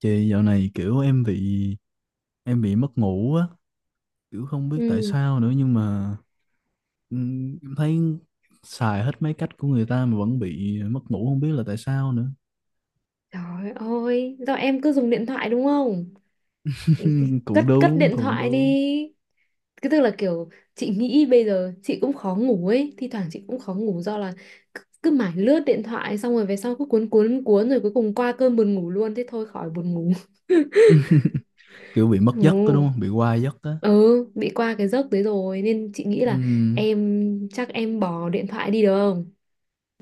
Chị dạo này kiểu em bị mất ngủ á, kiểu không biết tại Ừ. sao nữa nhưng mà em thấy xài hết mấy cách của người ta mà vẫn bị mất ngủ không biết là tại sao nữa. Trời ơi, do em cứ dùng điện thoại đúng không? Cũng Cất cất đúng, điện cũng thoại đi. đúng. Cái tức là kiểu chị nghĩ bây giờ chị cũng khó ngủ ấy, thi thoảng chị cũng khó ngủ do là cứ mải lướt điện thoại xong rồi về sau cứ cuốn cuốn cuốn rồi cuối cùng qua cơn buồn ngủ luôn thế thôi khỏi buồn ngủ. Kiểu bị mất giấc đó Ừ. đúng không? Bị qua giấc á. Ừ, bị qua cái giấc đấy rồi nên chị nghĩ là Ừm, em chắc em bỏ điện thoại đi được không?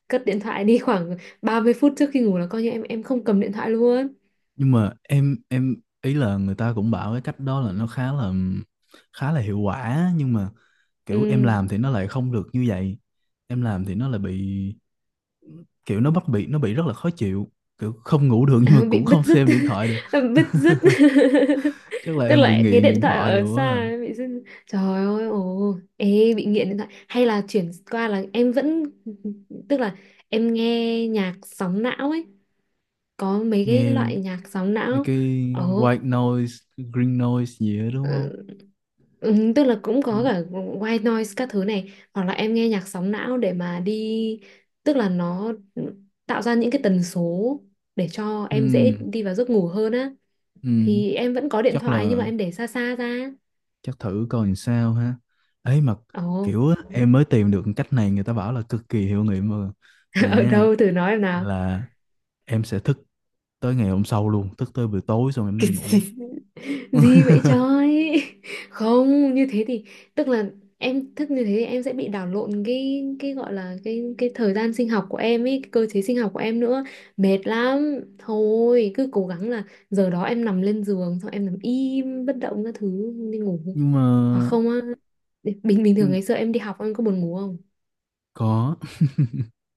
Cất điện thoại đi khoảng 30 phút trước khi ngủ là coi như em không cầm điện thoại luôn. nhưng mà em ý là người ta cũng bảo cái cách đó là nó khá là hiệu quả nhưng mà kiểu em Ừ. làm thì nó lại không được như vậy. Em làm thì nó lại bị, kiểu nó bắt nó bị rất là khó chịu, kiểu không ngủ được nhưng mà Bị cũng bứt không rứt. xem điện thoại được. Bứt rứt. Chắc là Tức em bị là cái nghiện điện điện thoại thoại ở rồi quá xa ấy, à. bị dứt. Trời ơi, ồ, ê, bị nghiện điện thoại hay là chuyển qua là em vẫn, tức là em nghe nhạc sóng não ấy, có mấy cái Nghe loại nhạc sóng mấy não. cái Ồ. white noise green noise gì đó đúng không? Ừ, ừ, tức là cũng có Mấy- cả white noise các thứ này, hoặc là em nghe nhạc sóng não để mà đi, tức là nó tạo ra những cái tần số để cho em dễ ừm, đi vào giấc ngủ hơn á, thì em vẫn có điện chắc thoại nhưng mà là em để xa xa ra. chắc thử coi làm sao ha. Ấy mà Ồ. kiểu á, em mới tìm được cách này người ta bảo là cực kỳ hiệu nghiệm mà. Vậy Ở nè, đâu thử nói em nào. là em sẽ thức tới ngày hôm sau luôn, thức tới buổi tối xong em mới Cái đi ngủ. gì, gì vậy trời. Không, như thế thì, tức là em thức như thế thì em sẽ bị đảo lộn cái gọi là cái thời gian sinh học của em ấy, cái cơ chế sinh học của em nữa, mệt lắm, thôi cứ cố gắng là giờ đó em nằm lên giường xong em nằm im bất động các thứ đi ngủ. nhưng mà Hoặc không á, bình bình thường nhưng ngày xưa em đi học em có buồn ngủ không? có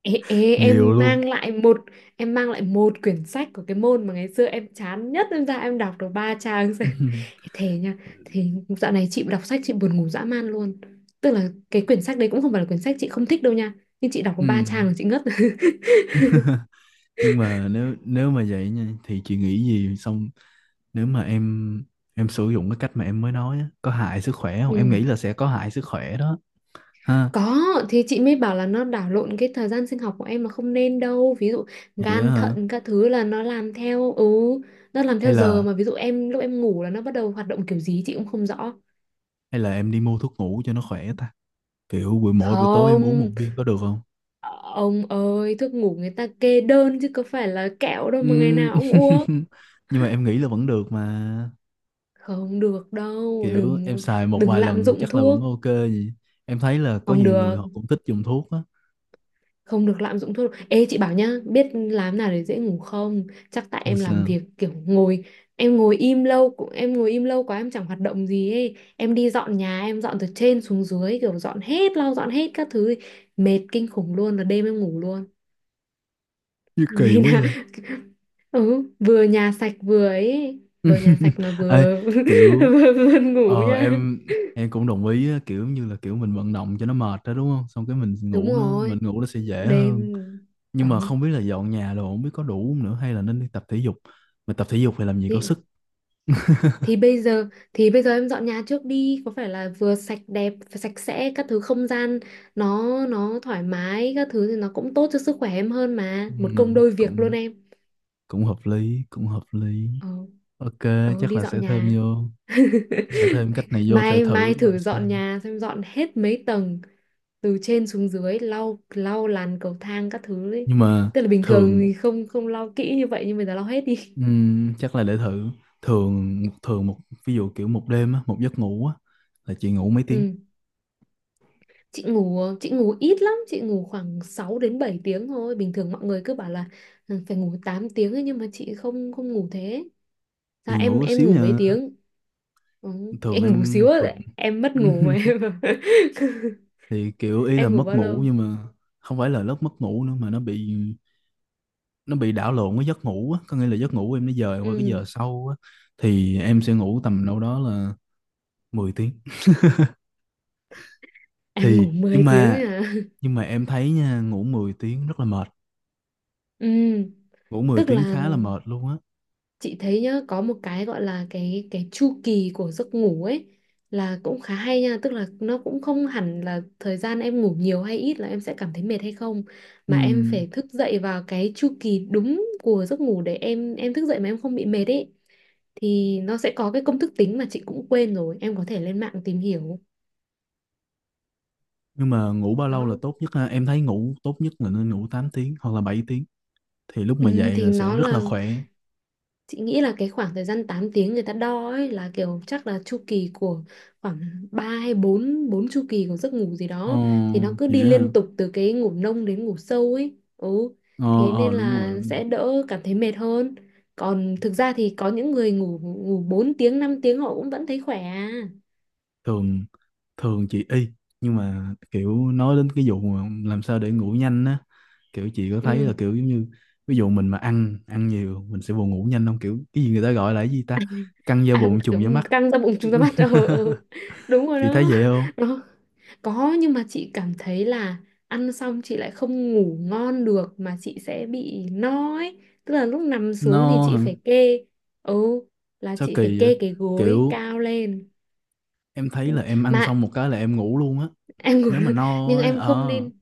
Ê, nhiều em luôn. mang lại một, em mang lại một quyển sách của cái môn mà ngày xưa em chán nhất, em ra em đọc được 3 trang. Thế nha, thì dạo này chị đọc sách chị buồn ngủ dã man luôn, tức là cái quyển sách đấy cũng không phải là quyển sách chị không thích đâu nha, nhưng chị đọc Ừ, có 3 trang là chị ngất. nhưng mà nếu nếu mà vậy nha thì chị nghĩ gì xong, nếu mà em sử dụng cái cách mà em mới nói á, có hại sức khỏe không? Em Ừ. nghĩ là sẽ có hại sức khỏe đó ha. Có, thì chị mới bảo là nó đảo lộn cái thời gian sinh học của em mà, không nên đâu, ví dụ Vậy đó, gan hả? thận các thứ là nó làm theo, ừ, nó làm hay theo giờ, là mà ví dụ em lúc em ngủ là nó bắt đầu hoạt động, kiểu gì chị cũng không rõ. hay là em đi mua thuốc ngủ cho nó khỏe ta. Kiểu mỗi buổi tối em uống một Không. viên có được không? Ông ơi, thuốc ngủ người ta kê đơn chứ có phải là kẹo đâu mà ngày Ừm, nào ông uống. nhưng mà em nghĩ là vẫn được mà, Không được đâu, kiểu em đừng, xài một đừng vài lạm lần dụng chắc là vẫn thuốc. ok. Gì? Em thấy là có Không nhiều người được, họ cũng thích dùng thuốc á. không được lạm dụng thuốc. Ê chị bảo nhá, biết làm nào để dễ ngủ không? Chắc tại Ừ, em làm sao? việc kiểu ngồi, em ngồi im lâu, cũng em ngồi im lâu quá em chẳng hoạt động gì ấy. Em đi dọn nhà, em dọn từ trên xuống dưới kiểu dọn hết, lau dọn hết các thứ, mệt kinh khủng luôn là đêm em ngủ luôn. Gì kỳ Ngày quá nào. vậy. Ừ, vừa nhà sạch vừa ấy, vừa nhà sạch mà Ê, vừa kiểu, vừa buồn ngủ ờ nha. em em cũng đồng ý á, kiểu như là kiểu mình vận động cho nó mệt đó đúng không, xong cái mình Đúng ngủ nó mình rồi. ngủ nó sẽ dễ Đêm. hơn. Ừ. Nhưng mà không biết là dọn nhà đồ không biết có đủ không nữa, hay là nên đi tập thể dục, mà tập thể dục thì làm gì có thì, sức. thì bây giờ, thì bây giờ em dọn nhà trước đi, có phải là vừa sạch đẹp sạch sẽ các thứ, không gian nó thoải mái các thứ thì nó cũng tốt cho sức khỏe em hơn, mà Ừ. một Ừ, công đôi việc luôn cũng em. cũng hợp lý, cũng hợp lý. Ừ. Ok, Ừ, chắc đi là dọn nhà. Sẽ thêm cách này vô thể Mai, mai thử coi thử sao. dọn nhà xem, dọn hết mấy tầng, từ trên xuống dưới, lau lau làn cầu thang các thứ ấy. Nhưng mà Tức là bình thường thường, thì không không lau kỹ như vậy, nhưng bây giờ lau hết đi. Chắc là để thử. Thường thường một, ví dụ kiểu một đêm á, một giấc ngủ á, là chị ngủ mấy tiếng? Ừ. Chị ngủ, chị ngủ ít lắm, chị ngủ khoảng 6 đến 7 tiếng thôi. Bình thường mọi người cứ bảo là "Ừ, phải ngủ 8 tiếng ấy", nhưng mà chị không không ngủ thế. Chị Sao em ngủ có em xíu ngủ mấy nha? tiếng? Ừ. Thường Em ngủ em xíu thường. á, em mất ngủ mà em. Thì kiểu ý là Em mất ngủ bao ngủ lâu? nhưng mà không phải là lớp mất ngủ nữa, mà nó bị đảo lộn với giấc ngủ á, có nghĩa là giấc ngủ em nó dời qua cái Ừ. giờ sau á. Thì em sẽ ngủ tầm đâu đó là 10 tiếng. Em Thì ngủ nhưng 10 tiếng ấy mà à? nhưng mà em thấy nha, ngủ 10 tiếng rất là mệt, Ừ. ngủ 10 Tức tiếng là khá là mệt luôn á. chị thấy nhá, có một cái gọi là cái chu kỳ của giấc ngủ ấy, là cũng khá hay nha, tức là nó cũng không hẳn là thời gian em ngủ nhiều hay ít là em sẽ cảm thấy mệt hay không, mà em Ừm, phải thức dậy vào cái chu kỳ đúng của giấc ngủ để em thức dậy mà em không bị mệt ấy, thì nó sẽ có cái công thức tính mà chị cũng quên rồi, em có thể lên mạng tìm hiểu. nhưng mà ngủ bao Đó. lâu là tốt nhất ha? Em thấy ngủ tốt nhất là nên ngủ 8 tiếng hoặc là 7 tiếng, thì lúc mà Ừ, dậy thì là sẽ nó rất là, là khỏe. chị nghĩ là cái khoảng thời gian 8 tiếng người ta đo ấy là kiểu chắc là chu kỳ của khoảng 3 hay 4 4 chu kỳ của giấc ngủ gì Ồ, đó, thì nó cứ đi vậy hả? liên tục từ cái ngủ nông đến ngủ sâu ấy. Ừ. Ờ, Thế ờ, nên đúng rồi, là đúng rồi. sẽ đỡ cảm thấy mệt hơn. Còn thực ra thì có những người ngủ ngủ 4 tiếng, 5 tiếng họ cũng vẫn thấy khỏe à. Thường thường chị y, nhưng mà kiểu nói đến cái vụ mà làm sao để ngủ nhanh á, kiểu chị có thấy Ừ. là kiểu giống như ví dụ mình mà ăn ăn nhiều mình sẽ buồn ngủ nhanh không, kiểu cái gì người ta gọi là cái gì ta, căng da À, bụng kiểu trùng da mắt. căng ra bụng chúng ta bắt, ờ, ừ, đúng rồi Chị thấy đó. vậy không? Đó. Có, nhưng mà chị cảm thấy là ăn xong chị lại không ngủ ngon được, mà chị sẽ bị no ấy, tức là lúc nằm xuống thì Nó chị hả? phải kê, ừ, là Sao chị phải kỳ vậy. kê cái gối Kiểu cao lên. em thấy là em ăn Mà xong một cái là em ngủ luôn á, em ngủ nếu mà luôn, nhưng no á. em không Ờ nên,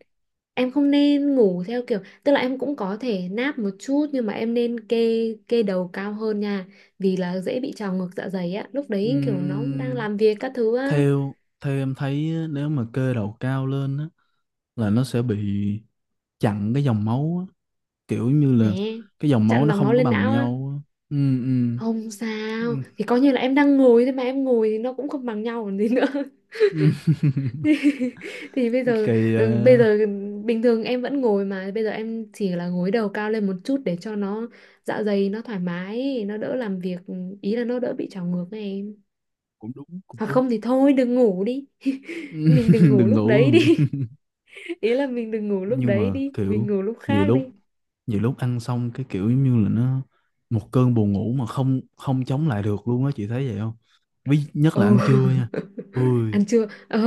em không nên ngủ theo kiểu, tức là em cũng có thể náp một chút, nhưng mà em nên kê, kê đầu cao hơn nha, vì là dễ bị trào ngược dạ dày á, lúc đấy kiểu nó đang Ừm, làm việc các thứ á. theo theo em thấy á, nếu mà cơ đầu cao lên á là nó sẽ bị chặn cái dòng máu á, kiểu như là Thế, cái dòng máu chặn nó dòng máu không có lên bằng não á. nhau á. Ừ, ừ, Không sao, ừ, thì coi như là em đang ngồi thế, mà em ngồi thì nó cũng không bằng nhau còn gì nữa. ừ. Thì, thì bây Với giờ, kỳ ừ, bây à, giờ bình thường em vẫn ngồi mà, bây giờ em chỉ là gối đầu cao lên một chút để cho nó, dạ dày nó thoải mái, nó đỡ làm việc, ý là nó đỡ bị trào ngược này em. cũng đúng, cũng Hoặc đúng. không thì thôi đừng ngủ đi. Ừ, Mình đừng ngủ đừng lúc ngủ đấy luôn. đi. Ý là mình đừng ngủ lúc Nhưng đấy mà đi, mình kiểu ngủ lúc nhiều khác đi. lúc nhiều lúc ăn xong cái kiểu giống như là nó một cơn buồn ngủ mà không không chống lại được luôn á, chị thấy vậy không? Ví nhất là Ồ. ăn trưa nha. Ui, Ăn chưa, ồ,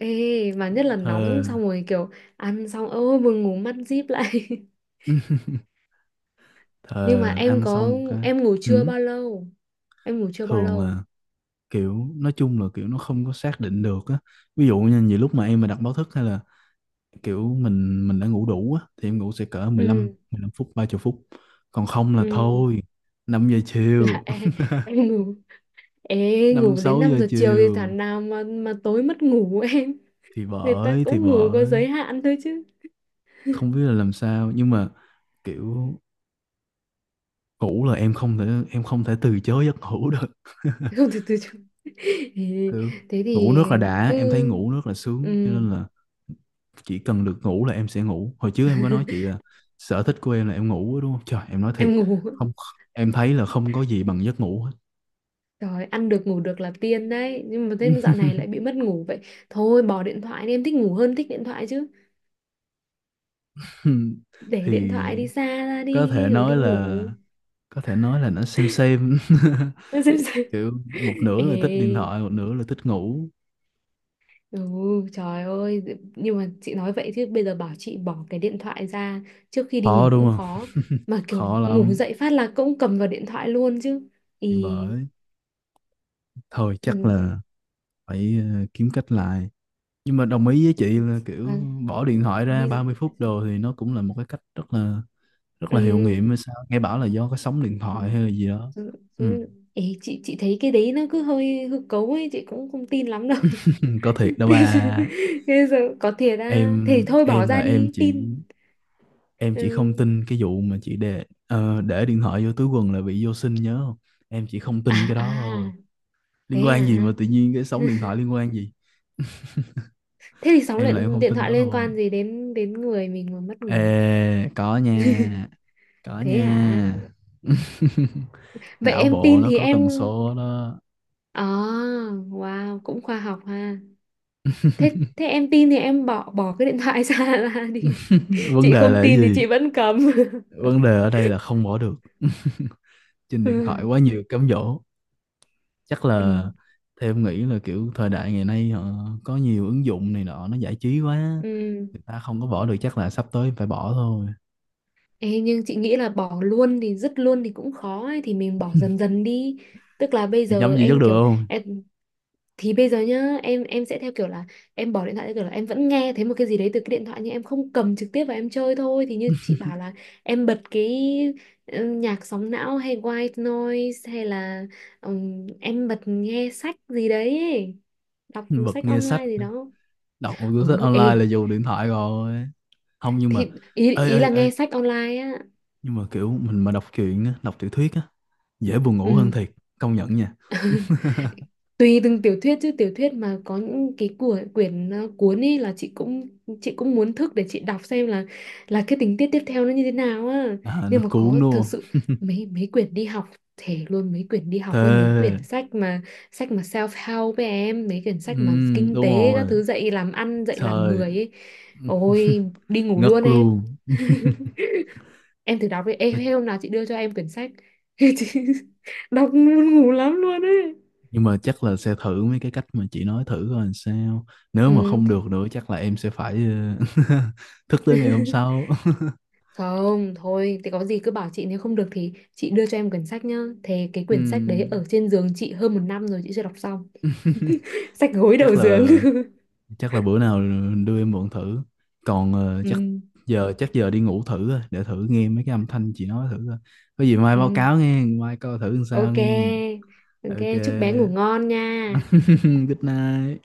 ê, mà nhất là thề, nóng xong rồi kiểu ăn xong ơ, vừa ngủ mắt díp lại. Nhưng mà thề, em ăn xong có, một cái, em ngủ chưa ừ, bao lâu, em ngủ chưa bao thường lâu. là, kiểu nói chung là kiểu nó không có xác định được á, ví dụ như nhiều lúc mà em mà đặt báo thức, hay là kiểu mình đã ngủ đủ á, thì em ngủ sẽ cỡ 15 Ừ. 15 phút 30 phút, còn không là Ừ. thôi năm giờ Là chiều em ngủ, ê, Năm ngủ đến 6 5 giờ giờ chiều thì chiều, thằng nào mà tối mất ngủ. Em, thì người ta bởi thì cũng ngủ có bởi giới hạn thôi chứ. không biết là làm sao, nhưng mà kiểu ngủ là em không thể từ chối giấc ngủ được. Không, từ từ chứ. Ê, Kiểu thế ngủ thì nước là đã, cứ, em thấy ngủ nước là sướng, cho ừ, nên là chỉ cần được ngủ là em sẽ ngủ. Hồi trước em có nói chị là sở thích của em là em ngủ á, đúng không trời, em nói thiệt. em ngủ. Không, em thấy là không có gì bằng giấc ngủ hết. Rồi, ăn được ngủ được là tiên đấy, nhưng mà thế dạo này lại bị mất ngủ vậy, thôi bỏ điện thoại đi, em thích ngủ hơn thích điện thoại chứ, để Thì điện thoại đi xa ra có thể đi rồi đi nói là ngủ. có thể nói là nó xem xem. Xem xem. Kiểu một nửa là thích điện Ê. thoại, một nửa là thích ngủ. Ừ, trời ơi, nhưng mà chị nói vậy chứ bây giờ bảo chị bỏ cái điện thoại ra trước khi đi Khó ngủ đúng cũng không? khó. Mà kiểu Khó ngủ lắm. dậy phát là cũng cầm vào điện thoại luôn chứ. Ý, Thì bởi, thôi chắc ừ, là phải, kiếm cách lại. Nhưng mà đồng ý với chị là à, kiểu bỏ điện thoại ra đi, 30 phút đồ thì nó cũng là một cái cách rất là hiệu ừ, nghiệm hay sao, nghe bảo là do cái sóng điện ừ, thoại hay là gì đó. ừ. Ừ. Ừ. Ê, chị thấy cái đấy nó cứ hơi hư cấu ấy, chị cũng không tin lắm đâu. Có thiệt đó ba. Bây giờ có thiệt à, thì em thôi bỏ em là ra em đi, chỉ tin. em chỉ không Ừ. tin cái vụ mà chị để, để điện thoại vô túi quần là bị vô sinh nhớ không. Em chỉ không À, tin cái đó thôi. Liên quan gì mà à. tự nhiên cái sóng điện thoại liên quan gì? Thế thì sóng Em là em điện, không điện tin thoại đó liên thôi. quan gì đến đến người mình mà mất ngủ? Ê, có nha, có Thế nha. hả? Vậy Não em bộ tin nó thì có em, tần số đó. à, wow, cũng khoa học ha. Thế, thế em tin thì em bỏ, bỏ cái điện thoại ra ra đi. Vấn Chị đề là không cái tin thì gì? chị vẫn cầm. Vấn đề ở đây là không bỏ được. Trên điện thoại Ừ. quá nhiều cám dỗ, chắc Ừ. là theo em nghĩ là kiểu thời đại ngày nay họ có nhiều ứng dụng này nọ nó giải trí quá, Ừ. người ta không có bỏ được, chắc là sắp tới phải bỏ thôi. Ê, nhưng chị nghĩ là bỏ luôn thì dứt luôn thì cũng khó ấy, thì mình bỏ dần dần đi. Tức là bây Chị nhắm giờ gì chắc em được kiểu, không? em, thì bây giờ nhá em sẽ theo kiểu là em bỏ điện thoại theo kiểu là em vẫn nghe thấy một cái gì đấy từ cái điện thoại nhưng em không cầm trực tiếp và em chơi thôi, thì như chị bảo là em bật cái, ừ, nhạc sóng não hay white noise hay là, em bật nghe sách gì đấy ấy, đọc Bật sách nghe sách? online gì đó. Đọc một cuốn sách Ừ, online ê, là dùng điện thoại rồi. Không, nhưng mà, thì ý ê ý ê là ê, nghe sách online á. nhưng mà kiểu mình mà đọc truyện á, đọc tiểu thuyết á, dễ buồn ngủ hơn Ừ, thiệt, công nhận nha. tùy từng tiểu thuyết chứ, tiểu thuyết mà có những cái của quyển, ờ, cuốn ấy là chị cũng, chị cũng muốn thức để chị đọc xem là cái tình tiết tiếp theo nó như thế nào á, À, nó nhưng mà cuốn có đúng thực sự, không? mấy mấy quyển đi học, thể luôn mấy quyển đi học, với mấy Thề. quyển sách mà, sách mà self help với em, mấy quyển Ừ, sách mà kinh đúng tế các rồi. thứ, dạy làm ăn dạy làm Trời. người ấy, ôi đi ngủ Ngất luôn em. luôn. Em thử đọc đi. Ê, Nói. hôm nào chị đưa cho em quyển sách chị đọc muốn ngủ lắm luôn ấy. Nhưng mà chắc là sẽ thử mấy cái cách mà chị nói thử coi làm sao, nếu mà Ừ. không được nữa chắc là em sẽ phải, thức tới ngày hôm sau. Không, thôi, thì có gì cứ bảo chị, nếu không được thì chị đưa cho em quyển sách nhá. Thế cái quyển sách đấy Ừm, ở trên giường chị hơn một năm rồi chị chưa đọc xong. Sách gối chắc đầu giường. là chắc là bữa nào đưa em mượn thử, còn chắc Ừ, giờ chắc giờ đi ngủ thử thôi, để thử nghe mấy cái âm thanh chị nói thử coi, có gì mai báo ừ. cáo nghe, mai coi thử làm sao Ok, nghe. ok, Ok. chúc bé ngủ ngon nha. Good night.